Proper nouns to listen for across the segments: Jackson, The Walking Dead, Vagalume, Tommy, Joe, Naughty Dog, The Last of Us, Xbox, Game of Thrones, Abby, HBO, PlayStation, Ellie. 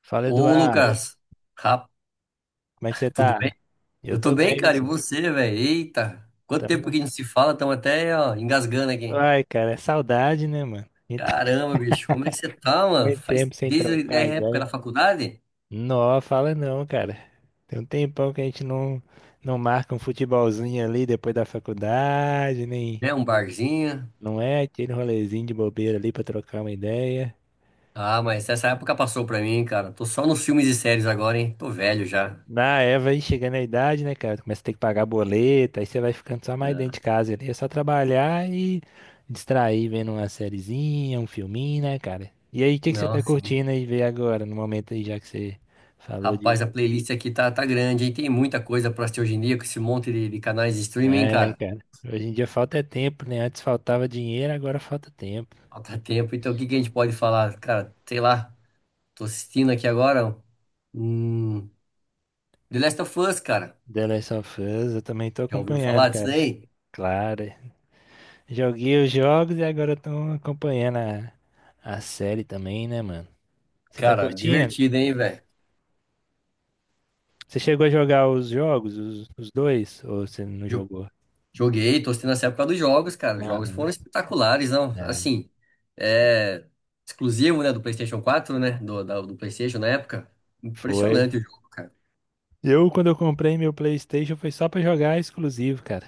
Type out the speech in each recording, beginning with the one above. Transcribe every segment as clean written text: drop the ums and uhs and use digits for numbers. Fala, Ô, Eduardo. Lucas, rap, Como é que você tudo bem? tá? Eu Eu tô tô bem, bem, e cara, e você? você, velho? Eita, quanto Tamo... tempo na- que a gente se fala, estamos até, ó, engasgando aqui. Ai, cara, é saudade, né, mano? A gente tá Caramba, bicho, como é que você tá, mano? muito Faz tempo sem desde a trocar época da ideia. faculdade, Não, fala não, cara. Tem um tempão que a gente não marca um futebolzinho ali depois da faculdade, nem... né? Um barzinho. Não é aquele rolezinho de bobeira ali pra trocar uma ideia. Ah, mas essa época passou pra mim, cara. Tô só nos filmes e séries agora, hein? Tô velho já. Na Eva aí chegando à idade, né, cara? Começa a ter que pagar boleto, aí você vai ficando só mais dentro de casa ali. É só trabalhar e distrair vendo uma sériezinha, um filminho, né, cara? E aí, o que que você Não, tá assim, curtindo aí ver agora, no momento aí, já que você falou rapaz, de. a playlist aqui tá, grande, hein? Tem muita coisa pra assistir hoje em dia com esse monte de canais de streaming, É, cara. cara. Hoje em dia falta é tempo, né? Antes faltava dinheiro, agora falta tempo. Falta tempo, então o que que a gente pode falar? Cara, sei lá. Tô assistindo aqui agora. Hum, The Last of Us, cara. The Last of Us, eu também tô Já ouviu acompanhando, falar disso cara. daí? Claro. É. Joguei os jogos e agora eu tô acompanhando a série também, né, mano? Você tá Cara, curtindo? divertido, hein, velho? Você chegou a jogar os jogos, os dois? Ou você não Jo- jogou? Joguei, tô assistindo essa época dos jogos, cara. Os Ah, jogos foram espetaculares, não? é. Assim, é exclusivo, né, do PlayStation quatro, né? Do PlayStation na época. Foi. Impressionante o jogo, cara. Quando eu comprei meu PlayStation, foi só pra jogar exclusivo, cara.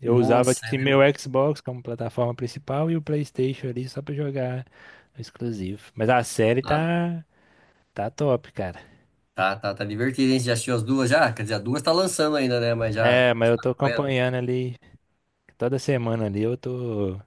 Eu usava, tipo Nossa, é assim, meu mesmo? Xbox como plataforma principal e o PlayStation ali só pra jogar exclusivo. Mas a série Ah, tá top, cara. tá, tá divertido, hein? Você já assistiu as duas já? Quer dizer, as duas tá lançando ainda, né? Mas já É, mas eu está tô acompanhando? acompanhando ali, toda semana ali eu tô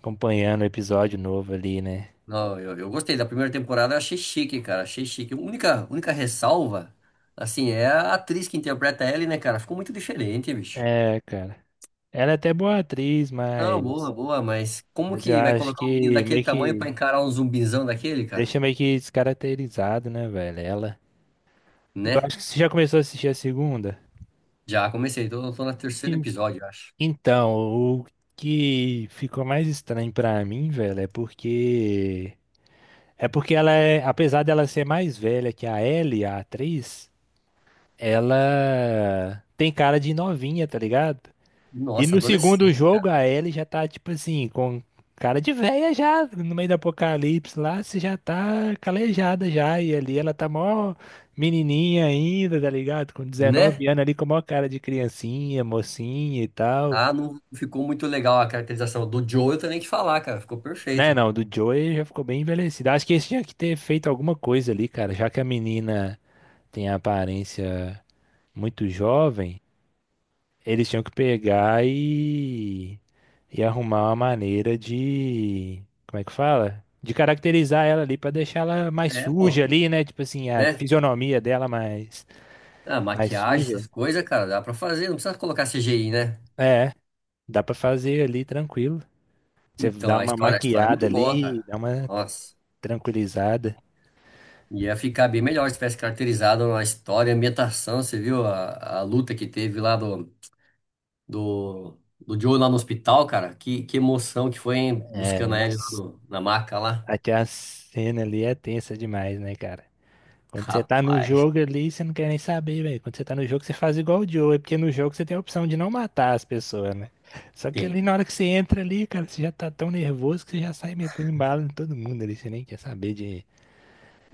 acompanhando o episódio novo ali, né? Não, eu gostei da primeira temporada, eu achei chique, cara, achei chique. A única ressalva, assim, é a atriz que interpreta ela, né, cara? Ficou muito diferente, bicho. É, cara. Ela é até boa atriz, Não, mas. boa, boa, mas como Mas eu que vai acho colocar um menino que daquele meio tamanho pra que encarar um zumbizão daquele, cara? deixa meio que descaracterizado, né, velho? Ela. E eu Né? acho que você já começou a assistir a segunda. Já comecei, tô, no terceiro Sim. episódio, eu acho. Então, o que ficou mais estranho pra mim, velho, é porque. É porque ela é. Apesar dela ser mais velha que a Ellie, a atriz, ela tem cara de novinha, tá ligado? E Nossa, no segundo adolescente, jogo, cara. a Ellie já tá, tipo assim, com cara de véia já, no meio do apocalipse lá, você já tá calejada já. E ali ela tá mó menininha ainda, tá ligado? Com Né? 19 anos ali, com a maior cara de criancinha, mocinha e tal. Ah, não ficou muito legal a caracterização do Joe, eu tenho nem que falar, cara, ficou Né, perfeito. não, do Joey já ficou bem envelhecido. Acho que eles tinha que ter feito alguma coisa ali, cara, já que a menina tem a aparência muito jovem. Eles tinham que pegar e arrumar uma maneira de, como é que fala? De caracterizar ela ali pra deixar ela mais É, pô, suja ali, né? Tipo assim, a né? fisionomia dela mais Ah, mais maquiagem, suja. essas coisas, cara, dá pra fazer, não precisa colocar CGI, né? É, dá pra fazer ali tranquilo. Você Então, dá uma a história é maquiada muito boa, ali, cara. dá uma Nossa, tranquilizada. ia ficar bem melhor se tivesse caracterizado a história, a ambientação. Você viu a luta que teve lá do Joe lá no hospital, cara? Que emoção que foi, hein? É, Buscando a Ellie lá nossa, na maca lá. até a cena ali é tensa demais, né, cara? Quando você tá no Rapaz, jogo ali, você não quer nem saber, velho. Quando você tá no jogo, você faz igual o Joe, é porque no jogo você tem a opção de não matar as pessoas, né? Só que tem. ali na hora que você entra ali, cara, você já tá tão nervoso que você já sai metendo bala em todo mundo ali, você nem quer saber de,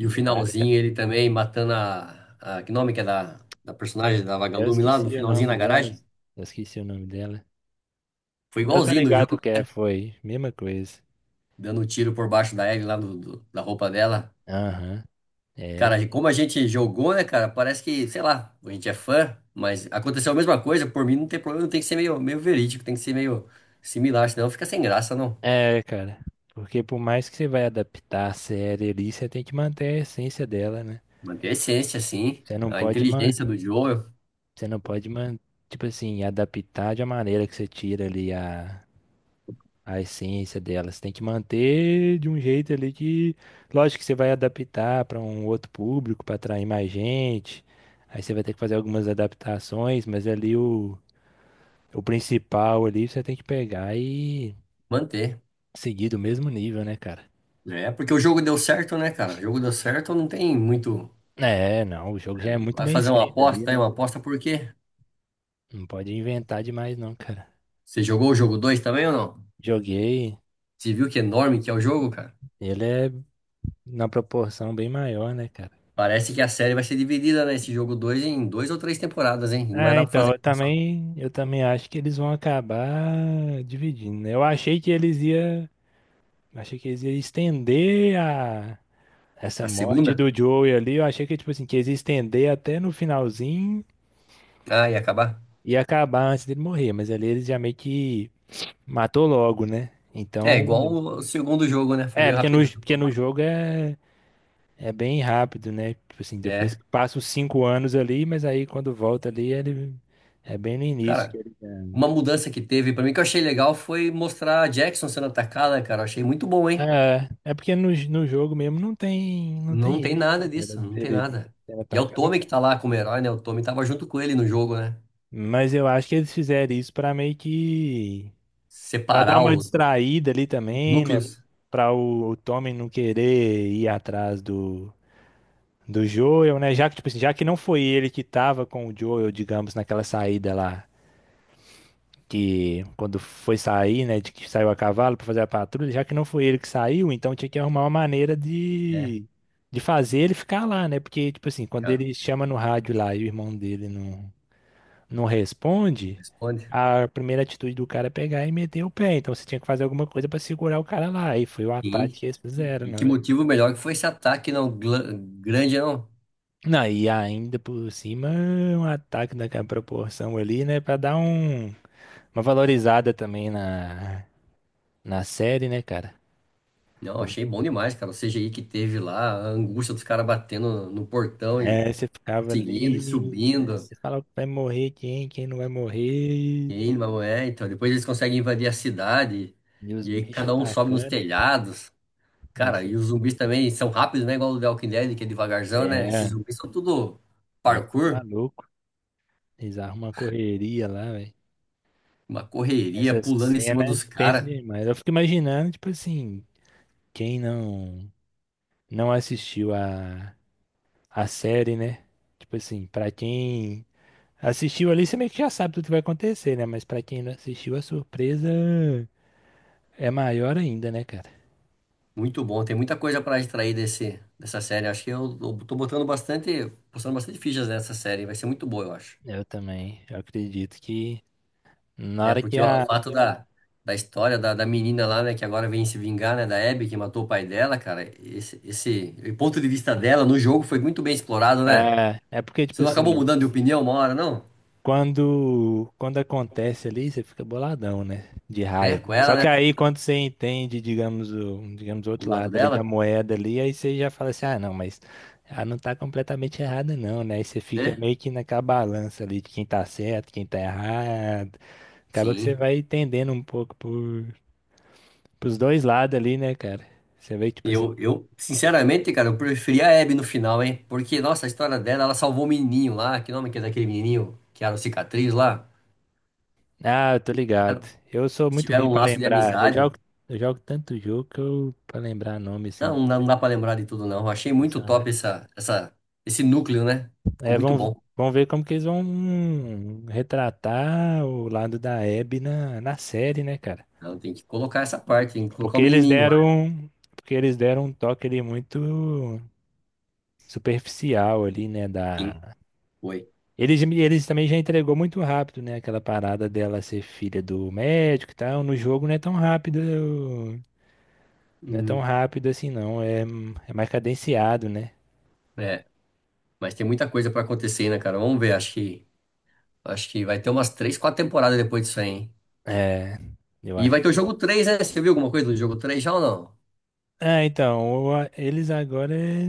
E o de nada, cara. finalzinho, ele também matando Que nome que é da É, personagem da eu Vagalume lá no esqueci o finalzinho nome na garagem? delas. Eu esqueci o nome dela. Foi Eu tô igualzinho do ligado jogo, que é, foi. Mesma coisa. dando um tiro por baixo da Ellie lá da roupa dela. Aham. É, Cara, como a gente jogou, né, cara? Parece que, sei lá, a gente é fã, mas aconteceu a mesma coisa. Por mim, não tem problema, tem que ser meio verídico, tem que ser meio similar, senão fica sem graça, não. é, cara. Porque por mais que você vai adaptar a série ali, você tem que manter a essência dela, né? Manter a essência, assim, Você não a pode man. inteligência do jogo, Você não pode, man- Tipo assim, adaptar de uma maneira que você tira ali a essência dela. Você tem que manter de um jeito ali que, lógico que você vai adaptar para um outro público, para atrair mais gente. Aí você vai ter que fazer algumas adaptações, mas ali o principal ali você tem que pegar e manter. seguir do mesmo nível, né, cara? É, porque o jogo deu certo, né, cara? O jogo deu certo, não tem muito. É, não, o jogo já é muito Vai bem fazer uma escrito ali, aposta, hein? né? Uma aposta por quê? Não pode inventar demais, não, cara. Você jogou o jogo 2 também ou não? Joguei, Você viu que enorme que é o jogo, cara? ele é na proporção bem maior, né, cara? Parece que a série vai ser dividida, né? Esse jogo 2 em duas ou três temporadas, hein? Não vai É, dar pra então, fazer eu uma só. também, eu também acho que eles vão acabar dividindo, né? Eu achei que eles ia, Achei que eles ia estender a essa A morte segunda? do Joey ali, eu achei que tipo assim, que eles ia estender até no finalzinho Ah, ia acabar. e acabar antes dele morrer, mas ali eles já meio que matou logo, né? É, igual Então, o segundo jogo, né? Foi meio porque no, rapidão. porque no jogo é bem rápido, né? Tipo assim, depois É, que passa os 5 anos ali, mas aí quando volta ali, ele é bem no início. cara, uma mudança que teve pra mim que eu achei legal foi mostrar a Jackson sendo atacada, cara. Eu achei muito bom, hein? É porque no jogo mesmo não tem, não Não tem tem isso, né, nada cara? disso, não tem Ele nada. sendo E é o Tommy que tá lá como herói, né? O Tommy tava junto com ele no jogo, né? Mas eu acho que eles fizeram isso pra meio que. Pra dar Separar uma os distraída ali também, né? núcleos. Pra o Tommy não querer ir atrás do Joel, né? Já que, tipo assim, já que não foi ele que tava com o Joel, digamos, naquela saída lá. Que quando foi sair, né, de que saiu a cavalo para fazer a patrulha, já que não foi ele que saiu, então tinha que arrumar uma maneira É, de fazer ele ficar lá, né? Porque tipo assim, quando cara, ele chama no rádio lá e o irmão dele não não responde, responde. a primeira atitude do cara é pegar e meter o pé. Então você tinha que fazer alguma coisa para segurar o cara lá. E foi o Sim. ataque que eles E, fizeram, e que né? motivo melhor que foi esse ataque, não? Grande, não. Não, e ainda por cima, um ataque daquela proporção ali, né? Pra dar uma valorizada também na série, né, cara? Não, achei bom demais, cara. O CGI que teve lá, a angústia dos caras batendo no portão e É, você ficava conseguindo e ali, aí subindo. você fala que vai morrer quem, quem não vai E morrer, aí, mas é, então, depois eles conseguem invadir a cidade. e os E aí bichos cada um sobe nos atacando. telhados. Aí Cara, e você, os zumbis também são rápidos, né? Igual o The Walking Dead, que é devagarzão, né? Esses é, zumbis são tudo Eles são parkour, malucos, eles arrumam uma correria lá, velho. uma correria, Essa pulando em cima cena é dos tensa caras. demais. Eu fico imaginando, tipo assim, quem não assistiu a série, né? Tipo assim, pra quem assistiu ali, você meio que já sabe tudo que vai acontecer, né? Mas pra quem não assistiu, a surpresa é maior ainda, né, cara? Muito bom, tem muita coisa pra extrair dessa série. Acho que eu tô botando bastante, postando bastante fichas nessa série. Vai ser muito boa, eu acho. Eu também, eu acredito que. Na Né? hora que Porque o a. fato da história da menina lá, né, que agora vem se vingar, né, da Abby que matou o pai dela, cara, esse o ponto de vista dela no jogo foi muito bem explorado, né? É porque, tipo Você não acabou assim, mudando de opinião uma hora, não? quando acontece ali, você fica boladão, né? De Né? Com raiva. ela, Só que né? aí, quando você entende, digamos, o O outro lado lado ali da dela, moeda ali, aí você já fala assim, ah, não, mas ela não tá completamente errada, não, né? Aí você fica né? meio que naquela balança ali de quem tá certo, quem tá errado. Acaba que você Sim. vai entendendo um pouco pros dois lados ali, né, cara? Você vê, tipo assim. Sinceramente, cara, eu preferi a Abby no final, hein? Porque, nossa, a história dela, ela salvou o menininho lá. Que nome que é daquele menininho que era o cicatriz lá? Ah, eu tô ligado. Eu sou muito ruim Tiveram um pra laço de lembrar. Eu amizade. jogo, eu jogo tanto jogo que eu para lembrar nome assim Não, de não dá para lembrar de tudo, não. Eu achei muito personagem. top esse núcleo, né? Ficou É, muito vamos, bom. vamos ver como que eles vão retratar o lado da Abby na série, né, cara? Então, tem que colocar essa parte, tem que colocar o Porque eles menininho lá. deram, porque eles deram um toque ali muito superficial ali, né, Sim, da. foi. Eles também já entregou muito rápido, né? Aquela parada dela ser filha do médico e tal. No jogo não é tão rápido. Não é tão Hum, rápido assim, não. É, é mais cadenciado, né? é, mas tem muita coisa para acontecer, né, cara? Vamos ver, acho que vai ter umas três, quatro temporadas depois disso aí, hein? É, eu E acho. vai ter o jogo três, né? Você viu alguma coisa do jogo 3 já ou não? É, então, eles agora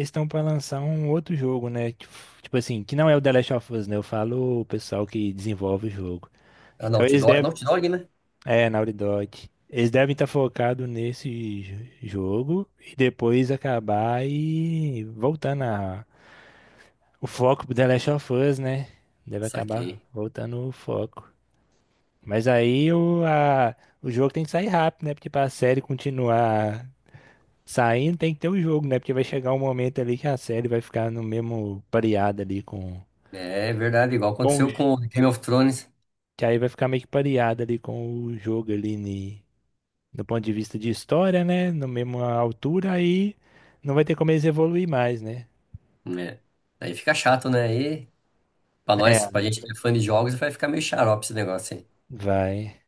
estão para lançar um outro jogo, né? Tipo assim, que não é o The Last of Us, né? Eu falo o pessoal que desenvolve o jogo. A Então Naughty eles Dog, é devem. Naughty Dog, né? É, Naughty Dog. Eles devem estar focados nesse jogo e depois acabar e voltando o foco pro The Last of Us, né? Deve acabar Saquei. voltando o foco. Mas aí o jogo tem que sair rápido, né? Porque para a série continuar saindo, tem que ter o jogo, né? Porque vai chegar um momento ali que a série vai ficar no mesmo pareada ali com, É verdade, igual o aconteceu com Game of Thrones, que aí vai ficar meio que pareada ali com o jogo ali do ponto de vista de história, né? Na mesma altura, aí não vai ter como eles evoluir mais, né? né? Aí fica chato, né? Aí, pra nós, É. pra gente que é fã de jogos, vai ficar meio xarope esse negócio aí. Vai.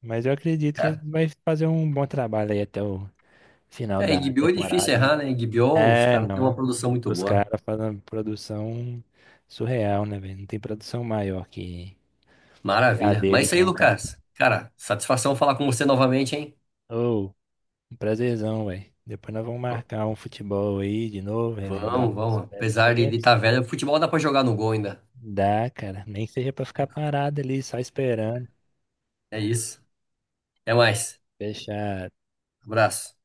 Mas eu acredito que vai fazer um bom trabalho aí até o final É, da HBO é difícil temporada, né? errar, né? HBO, os É, caras têm uma não. produção muito Os boa. caras fazem uma produção surreal, né, velho? Não tem produção maior que a Maravilha. Mas é deles, isso aí, não, cara. Lucas. Cara, satisfação falar com você novamente, hein? Ô, um prazerzão, velho. Depois nós vamos marcar um futebol aí de novo, relembrar Vamos, uns vamos. velhos Apesar de tempos. estar velho, o futebol dá pra jogar no gol ainda. Dá, cara. Nem que seja pra ficar parado ali, só esperando. É isso. Até mais. Fechar. Abraço.